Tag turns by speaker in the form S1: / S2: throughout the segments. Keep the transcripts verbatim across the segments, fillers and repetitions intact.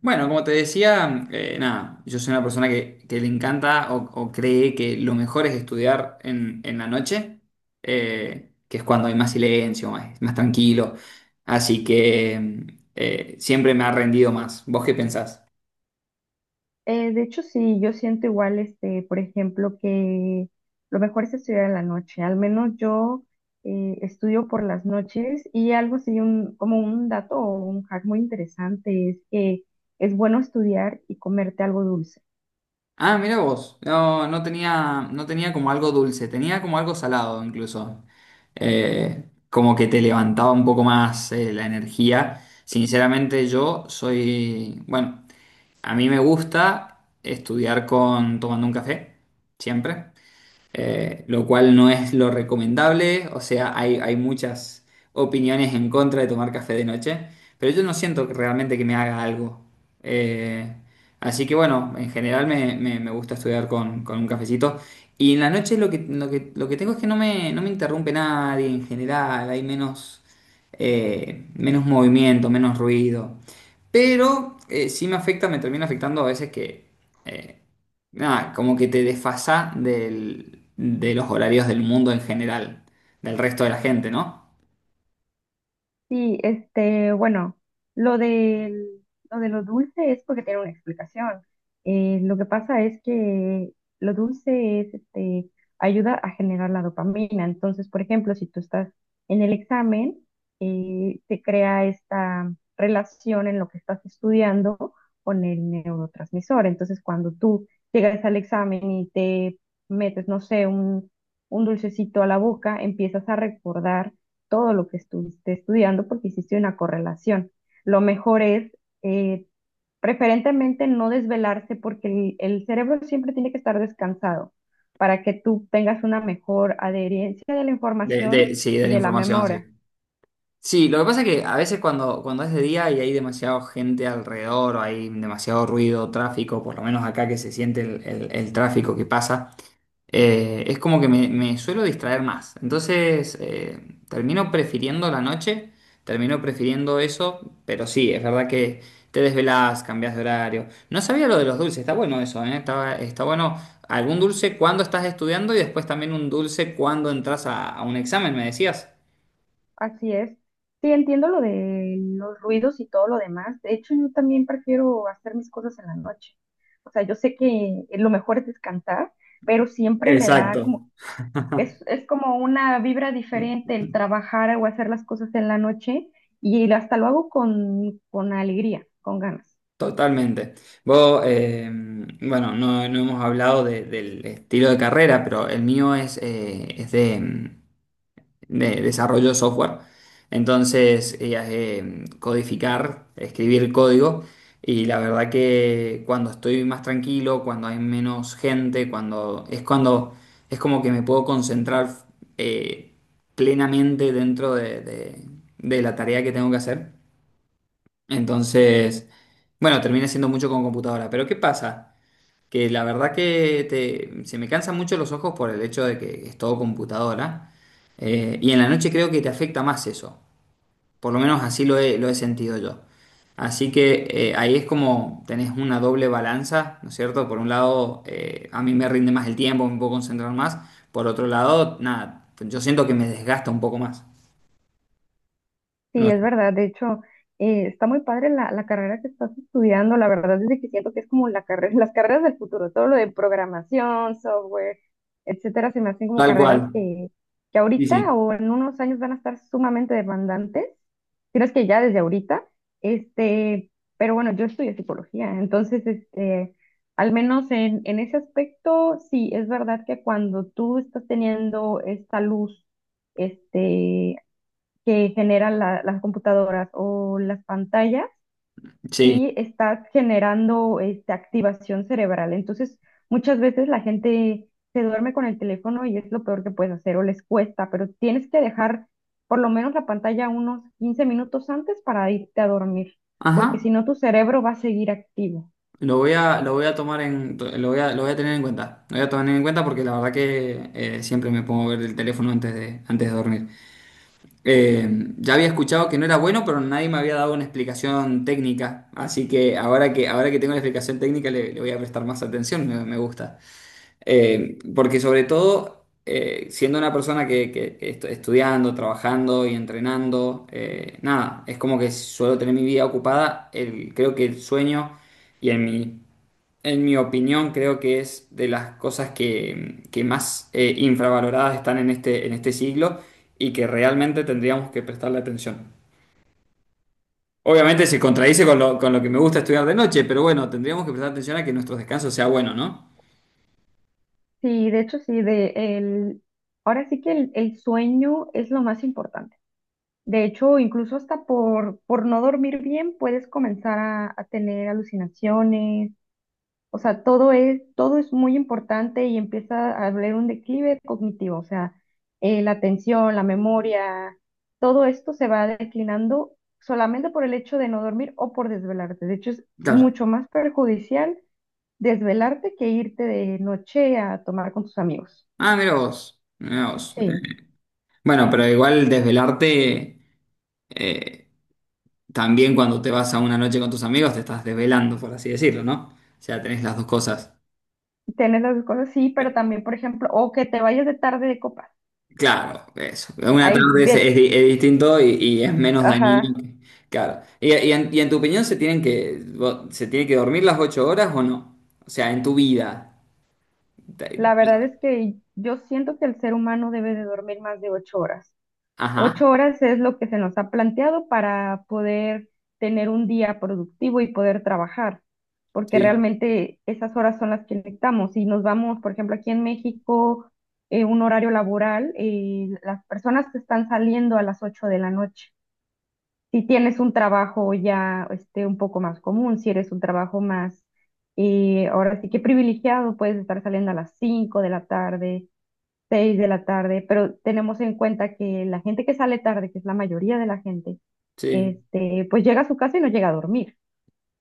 S1: Bueno, como te decía, eh, nada, yo soy una persona que, que le encanta o, o cree que lo mejor es estudiar en, en la noche, eh, que es cuando hay más silencio, más, más tranquilo. Así que eh, siempre me ha rendido más. ¿Vos qué pensás?
S2: Eh, de hecho, sí, yo siento igual, este, por ejemplo, que lo mejor es estudiar en la noche. Al menos yo eh, estudio por las noches y algo así, un, como un dato o un hack muy interesante es que es bueno estudiar y comerte algo dulce.
S1: Ah, mira vos. No, no tenía, no tenía como algo dulce, tenía como algo salado incluso. Eh, como que te levantaba un poco más eh, la energía. Sinceramente, yo soy, bueno, a mí me gusta estudiar con tomando un café, siempre eh, lo cual no es lo recomendable, o sea, hay, hay muchas opiniones en contra de tomar café de noche, pero yo no siento que realmente que me haga algo. Eh, Así que bueno, en general me, me- me gusta estudiar con, con un cafecito. Y en la noche lo que, lo que, lo que tengo es que no me, no me interrumpe nadie en general, hay menos, eh, menos movimiento, menos ruido. Pero eh, sí me afecta, me termina afectando a veces que eh, nada, como que te desfasa del- de los horarios del mundo en general, del resto de la gente, ¿no?
S2: Sí, este, bueno, lo del, lo de lo dulce es porque tiene una explicación. Eh, lo que pasa es que lo dulce es, este, ayuda a generar la dopamina. Entonces, por ejemplo, si tú estás en el examen, eh, se crea esta relación en lo que estás estudiando con el neurotransmisor. Entonces, cuando tú llegas al examen y te metes, no sé, un, un dulcecito a la boca, empiezas a recordar todo lo que estuviste estudiando porque hiciste una correlación. Lo mejor es eh, preferentemente no desvelarse porque el, el cerebro siempre tiene que estar descansado para que tú tengas una mejor adherencia de la
S1: De,
S2: información
S1: de- sí, de
S2: y
S1: la
S2: de la
S1: información, sí.
S2: memoria.
S1: Sí, lo que pasa es que a veces cuando, cuando es de día y hay demasiada gente alrededor, o hay demasiado ruido, tráfico, por lo menos acá que se siente el, el- el tráfico que pasa, eh, es como que me, me suelo distraer más. Entonces, eh, termino prefiriendo la noche, termino prefiriendo eso, pero sí, es verdad que te desvelás, cambias de horario. No sabía lo de los dulces, está bueno eso, ¿eh? Está, está bueno algún dulce cuando estás estudiando y después también un dulce cuando entras a, a un examen, me decías.
S2: Así es. Sí, entiendo lo de los ruidos y todo lo demás. De hecho, yo también prefiero hacer mis cosas en la noche. O sea, yo sé que lo mejor es descansar, pero siempre me da
S1: Exacto.
S2: como. Es, es como una vibra diferente el trabajar o hacer las cosas en la noche y hasta lo hago con, con alegría, con ganas.
S1: Totalmente. Vos, eh, bueno, no, no hemos hablado de- del estilo de carrera, pero el mío es, eh, es de, de desarrollo de software. Entonces, eh, eh, codificar, escribir código. Y la verdad que cuando estoy más tranquilo, cuando hay menos gente, cuando es cuando es como que me puedo concentrar eh, plenamente dentro de, de- de la tarea que tengo que hacer. Entonces, bueno, termina siendo mucho con computadora. Pero ¿qué pasa? Que la verdad que te- se me cansan mucho los ojos por el hecho de que es todo computadora. Eh, y en la noche creo que te afecta más eso. Por lo menos así lo he, lo he sentido yo. Así que eh, ahí es como tenés una doble balanza, ¿no es cierto? Por un lado, eh, a mí me rinde más el tiempo, me puedo concentrar más. Por otro lado, nada, yo siento que me desgasta un poco más.
S2: Sí,
S1: No,
S2: es verdad. De hecho, eh, está muy padre la, la carrera que estás estudiando. La verdad es de que siento que es como la carrera, las carreras del futuro. Todo lo de programación, software, etcétera, se me hacen como
S1: tal cual.
S2: carreras que, que
S1: Sí,
S2: ahorita
S1: sí.
S2: o en unos años van a estar sumamente demandantes. Si no es que ya desde ahorita. Este, pero bueno, yo estudio psicología. Entonces, este, al menos en, en ese aspecto, sí, es verdad que cuando tú estás teniendo esta luz, este, que generan la- las computadoras o las pantallas,
S1: Sí.
S2: sí estás generando este, activación cerebral. Entonces, muchas veces la gente se duerme con el teléfono y es lo peor que puedes hacer o les cuesta, pero tienes que dejar por lo menos la pantalla unos quince minutos antes para irte a dormir, porque si
S1: Ajá.
S2: no tu cerebro va a seguir activo.
S1: Lo voy a, lo voy a tomar en, lo voy a, lo voy a tener en cuenta. Lo voy a tomar en cuenta porque la verdad que eh, siempre me pongo a ver el teléfono antes de, antes de dormir. Eh, ya había escuchado que no era bueno, pero nadie me había dado una explicación técnica. Así que ahora que, ahora que tengo la explicación técnica le, le voy a prestar más atención, me, me gusta. Eh, porque sobre todo, eh, siendo una persona que, que- que estoy estudiando, trabajando y entrenando, eh, nada, es como que suelo tener mi vida ocupada. El- creo que el sueño y en mi en mi opinión, creo que es de las cosas que, que más eh, infravaloradas están en este, en este siglo y que realmente tendríamos que prestarle atención. Obviamente se contradice con lo, con lo que me gusta estudiar de noche, pero bueno, tendríamos que prestar atención a que nuestro descanso sea bueno, ¿no?
S2: Sí, de hecho, sí, de el, ahora sí que el el sueño es lo más importante. De hecho, incluso hasta por, por no dormir bien puedes comenzar a, a tener alucinaciones. O sea, todo es, todo es muy importante y empieza a haber un declive cognitivo. O sea, eh, la atención, la memoria, todo esto se va declinando solamente por el hecho de no dormir o por desvelarte. De hecho, es
S1: Claro.
S2: mucho más perjudicial desvelarte que irte de noche a tomar con tus amigos.
S1: Ah, mira vos, mira vos.
S2: Sí,
S1: Eh, Bueno, pero igual desvelarte, eh, también cuando te vas a una noche con tus amigos, te estás desvelando, por así decirlo, ¿no? O sea, tenés las dos cosas.
S2: tienes las dos cosas, sí, pero también, por ejemplo, o que te vayas de tarde de copas.
S1: Claro, eso. Una
S2: Ahí
S1: tarde es, es di- es distinto y, y es menos dañino.
S2: Ajá,
S1: que- Claro. Y, y en, y en tu opinión, se tienen que vo- se tiene que dormir las ocho horas o no? O sea, en tu vida.
S2: la
S1: Te-
S2: verdad es que yo siento que el ser humano debe de dormir más de ocho horas.
S1: Ajá,
S2: Ocho horas es lo que se nos ha planteado para poder tener un día productivo y poder trabajar, porque
S1: sí,
S2: realmente esas horas son las que necesitamos. Si nos vamos, por ejemplo, aquí en México, eh, un horario laboral, eh, las personas que están saliendo a las ocho de la noche. Si tienes un trabajo ya este, un poco más común, si eres un trabajo más, eh, ahora sí que privilegiado, puedes estar saliendo a las cinco de la tarde, seis de la tarde, pero tenemos en cuenta que la gente que sale tarde, que es la mayoría de la gente,
S1: sí.
S2: este, pues llega a su casa y no llega a dormir.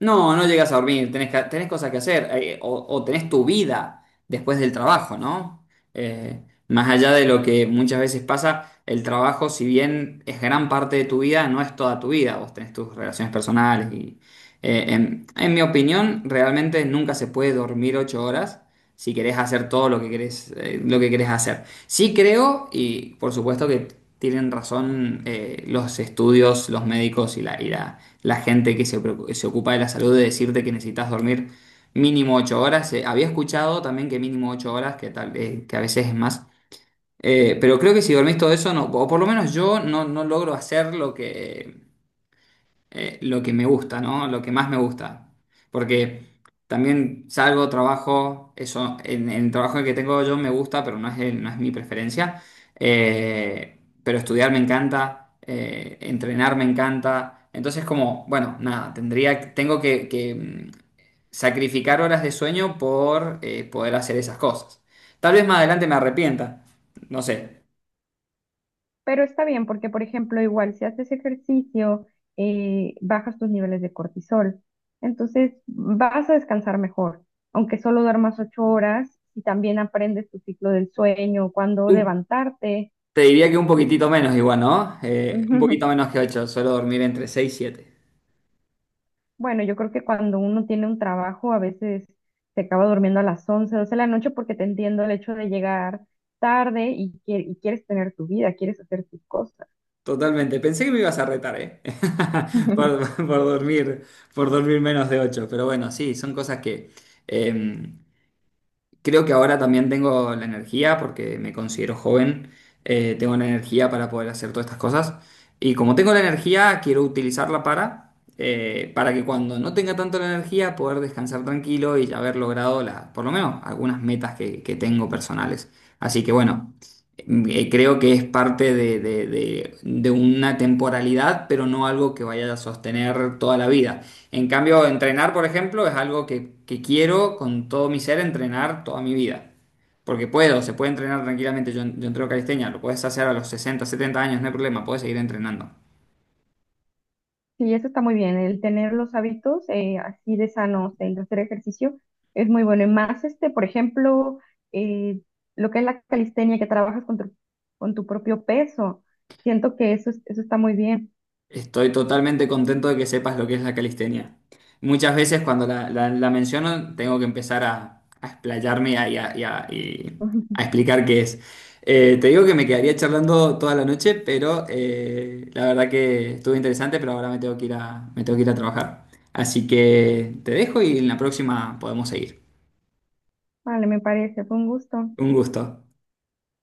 S1: No, no llegas a dormir, tenés, ca- tenés cosas que hacer, eh, o, o tenés tu vida después del trabajo, ¿no? Eh, Más allá de lo que muchas veces pasa, el trabajo, si bien es gran parte de tu vida, no es toda tu vida, vos tenés tus relaciones personales y, eh, en, en mi opinión, realmente nunca se puede dormir ocho horas si querés hacer todo lo que querés, eh, lo que querés hacer. Sí creo, y por supuesto que tienen razón eh, los estudios, los médicos y la, y la, la gente que se, preocu- se ocupa de la salud de decirte que necesitas dormir mínimo ocho horas. Eh, había escuchado también que mínimo ocho horas, que, tal, eh, que a veces es más. Eh, pero creo que si dormís todo eso, no, o por lo menos yo no, no logro hacer lo que, eh, lo que me gusta, ¿no? Lo que más me gusta. Porque también salgo, trabajo, eso, en, en el trabajo que tengo yo me gusta, pero no es, el- no es mi preferencia. Eh, pero estudiar me encanta, eh, entrenar me encanta. Entonces, como, bueno, nada, tendría, tengo que, que, mm, sacrificar horas de sueño por eh, poder hacer esas cosas. Tal vez más adelante me arrepienta, no sé.
S2: Pero está bien porque, por ejemplo, igual si haces ejercicio, eh, bajas tus niveles de cortisol. Entonces vas a descansar mejor. Aunque solo duermas ocho horas y también aprendes tu ciclo del sueño, cuándo levantarte.
S1: Te diría que un poquitito menos igual, ¿no? Eh, un poquito menos que ocho. Suelo dormir entre seis y siete.
S2: Bueno, yo creo que cuando uno tiene un trabajo a veces se acaba durmiendo a las once doce de la noche porque te entiendo el hecho de llegar tarde y, quie- y quieres tener tu vida, quieres hacer tus cosas.
S1: Totalmente. Pensé que me ibas a retar, ¿eh? Por, por dormir, por dormir menos de ocho. Pero bueno, sí, son cosas que, eh, Creo que ahora también tengo la energía, porque me considero joven, eh, tengo la energía para poder hacer todas estas cosas. Y como tengo la energía, quiero utilizarla para, eh, para que cuando no tenga tanto la energía, poder descansar tranquilo y ya haber logrado la, por lo menos algunas metas que, que tengo personales. Así que bueno, eh, creo que es parte de, de de- de una temporalidad, pero no algo que vaya a sostener toda la vida. En cambio, entrenar, por ejemplo, es algo que, que quiero con todo mi ser entrenar toda mi vida. Porque puedo, se puede entrenar tranquilamente. Yo, yo entreno calistenia, lo puedes hacer a los sesenta, setenta años, no hay problema, puedes seguir entrenando.
S2: Sí, eso está muy bien. El tener los hábitos eh, así de sanos, el hacer ejercicio, es muy bueno. Y más, este, por ejemplo, eh, lo que es la calistenia, que trabajas con tu, con tu, propio peso. Siento que eso, es- eso está muy bien.
S1: Estoy totalmente contento de que sepas lo que es la calistenia. Muchas veces cuando la, la- la menciono tengo que empezar a, a explayarme y a, y a- y a- y a explicar qué es. Eh, te digo que me quedaría charlando toda la noche, pero eh, la verdad que estuvo interesante, pero ahora me tengo que ir a, me tengo que ir a trabajar. Así que te dejo y en la próxima podemos seguir.
S2: Vale, me parece. Fue un gusto.
S1: Un gusto.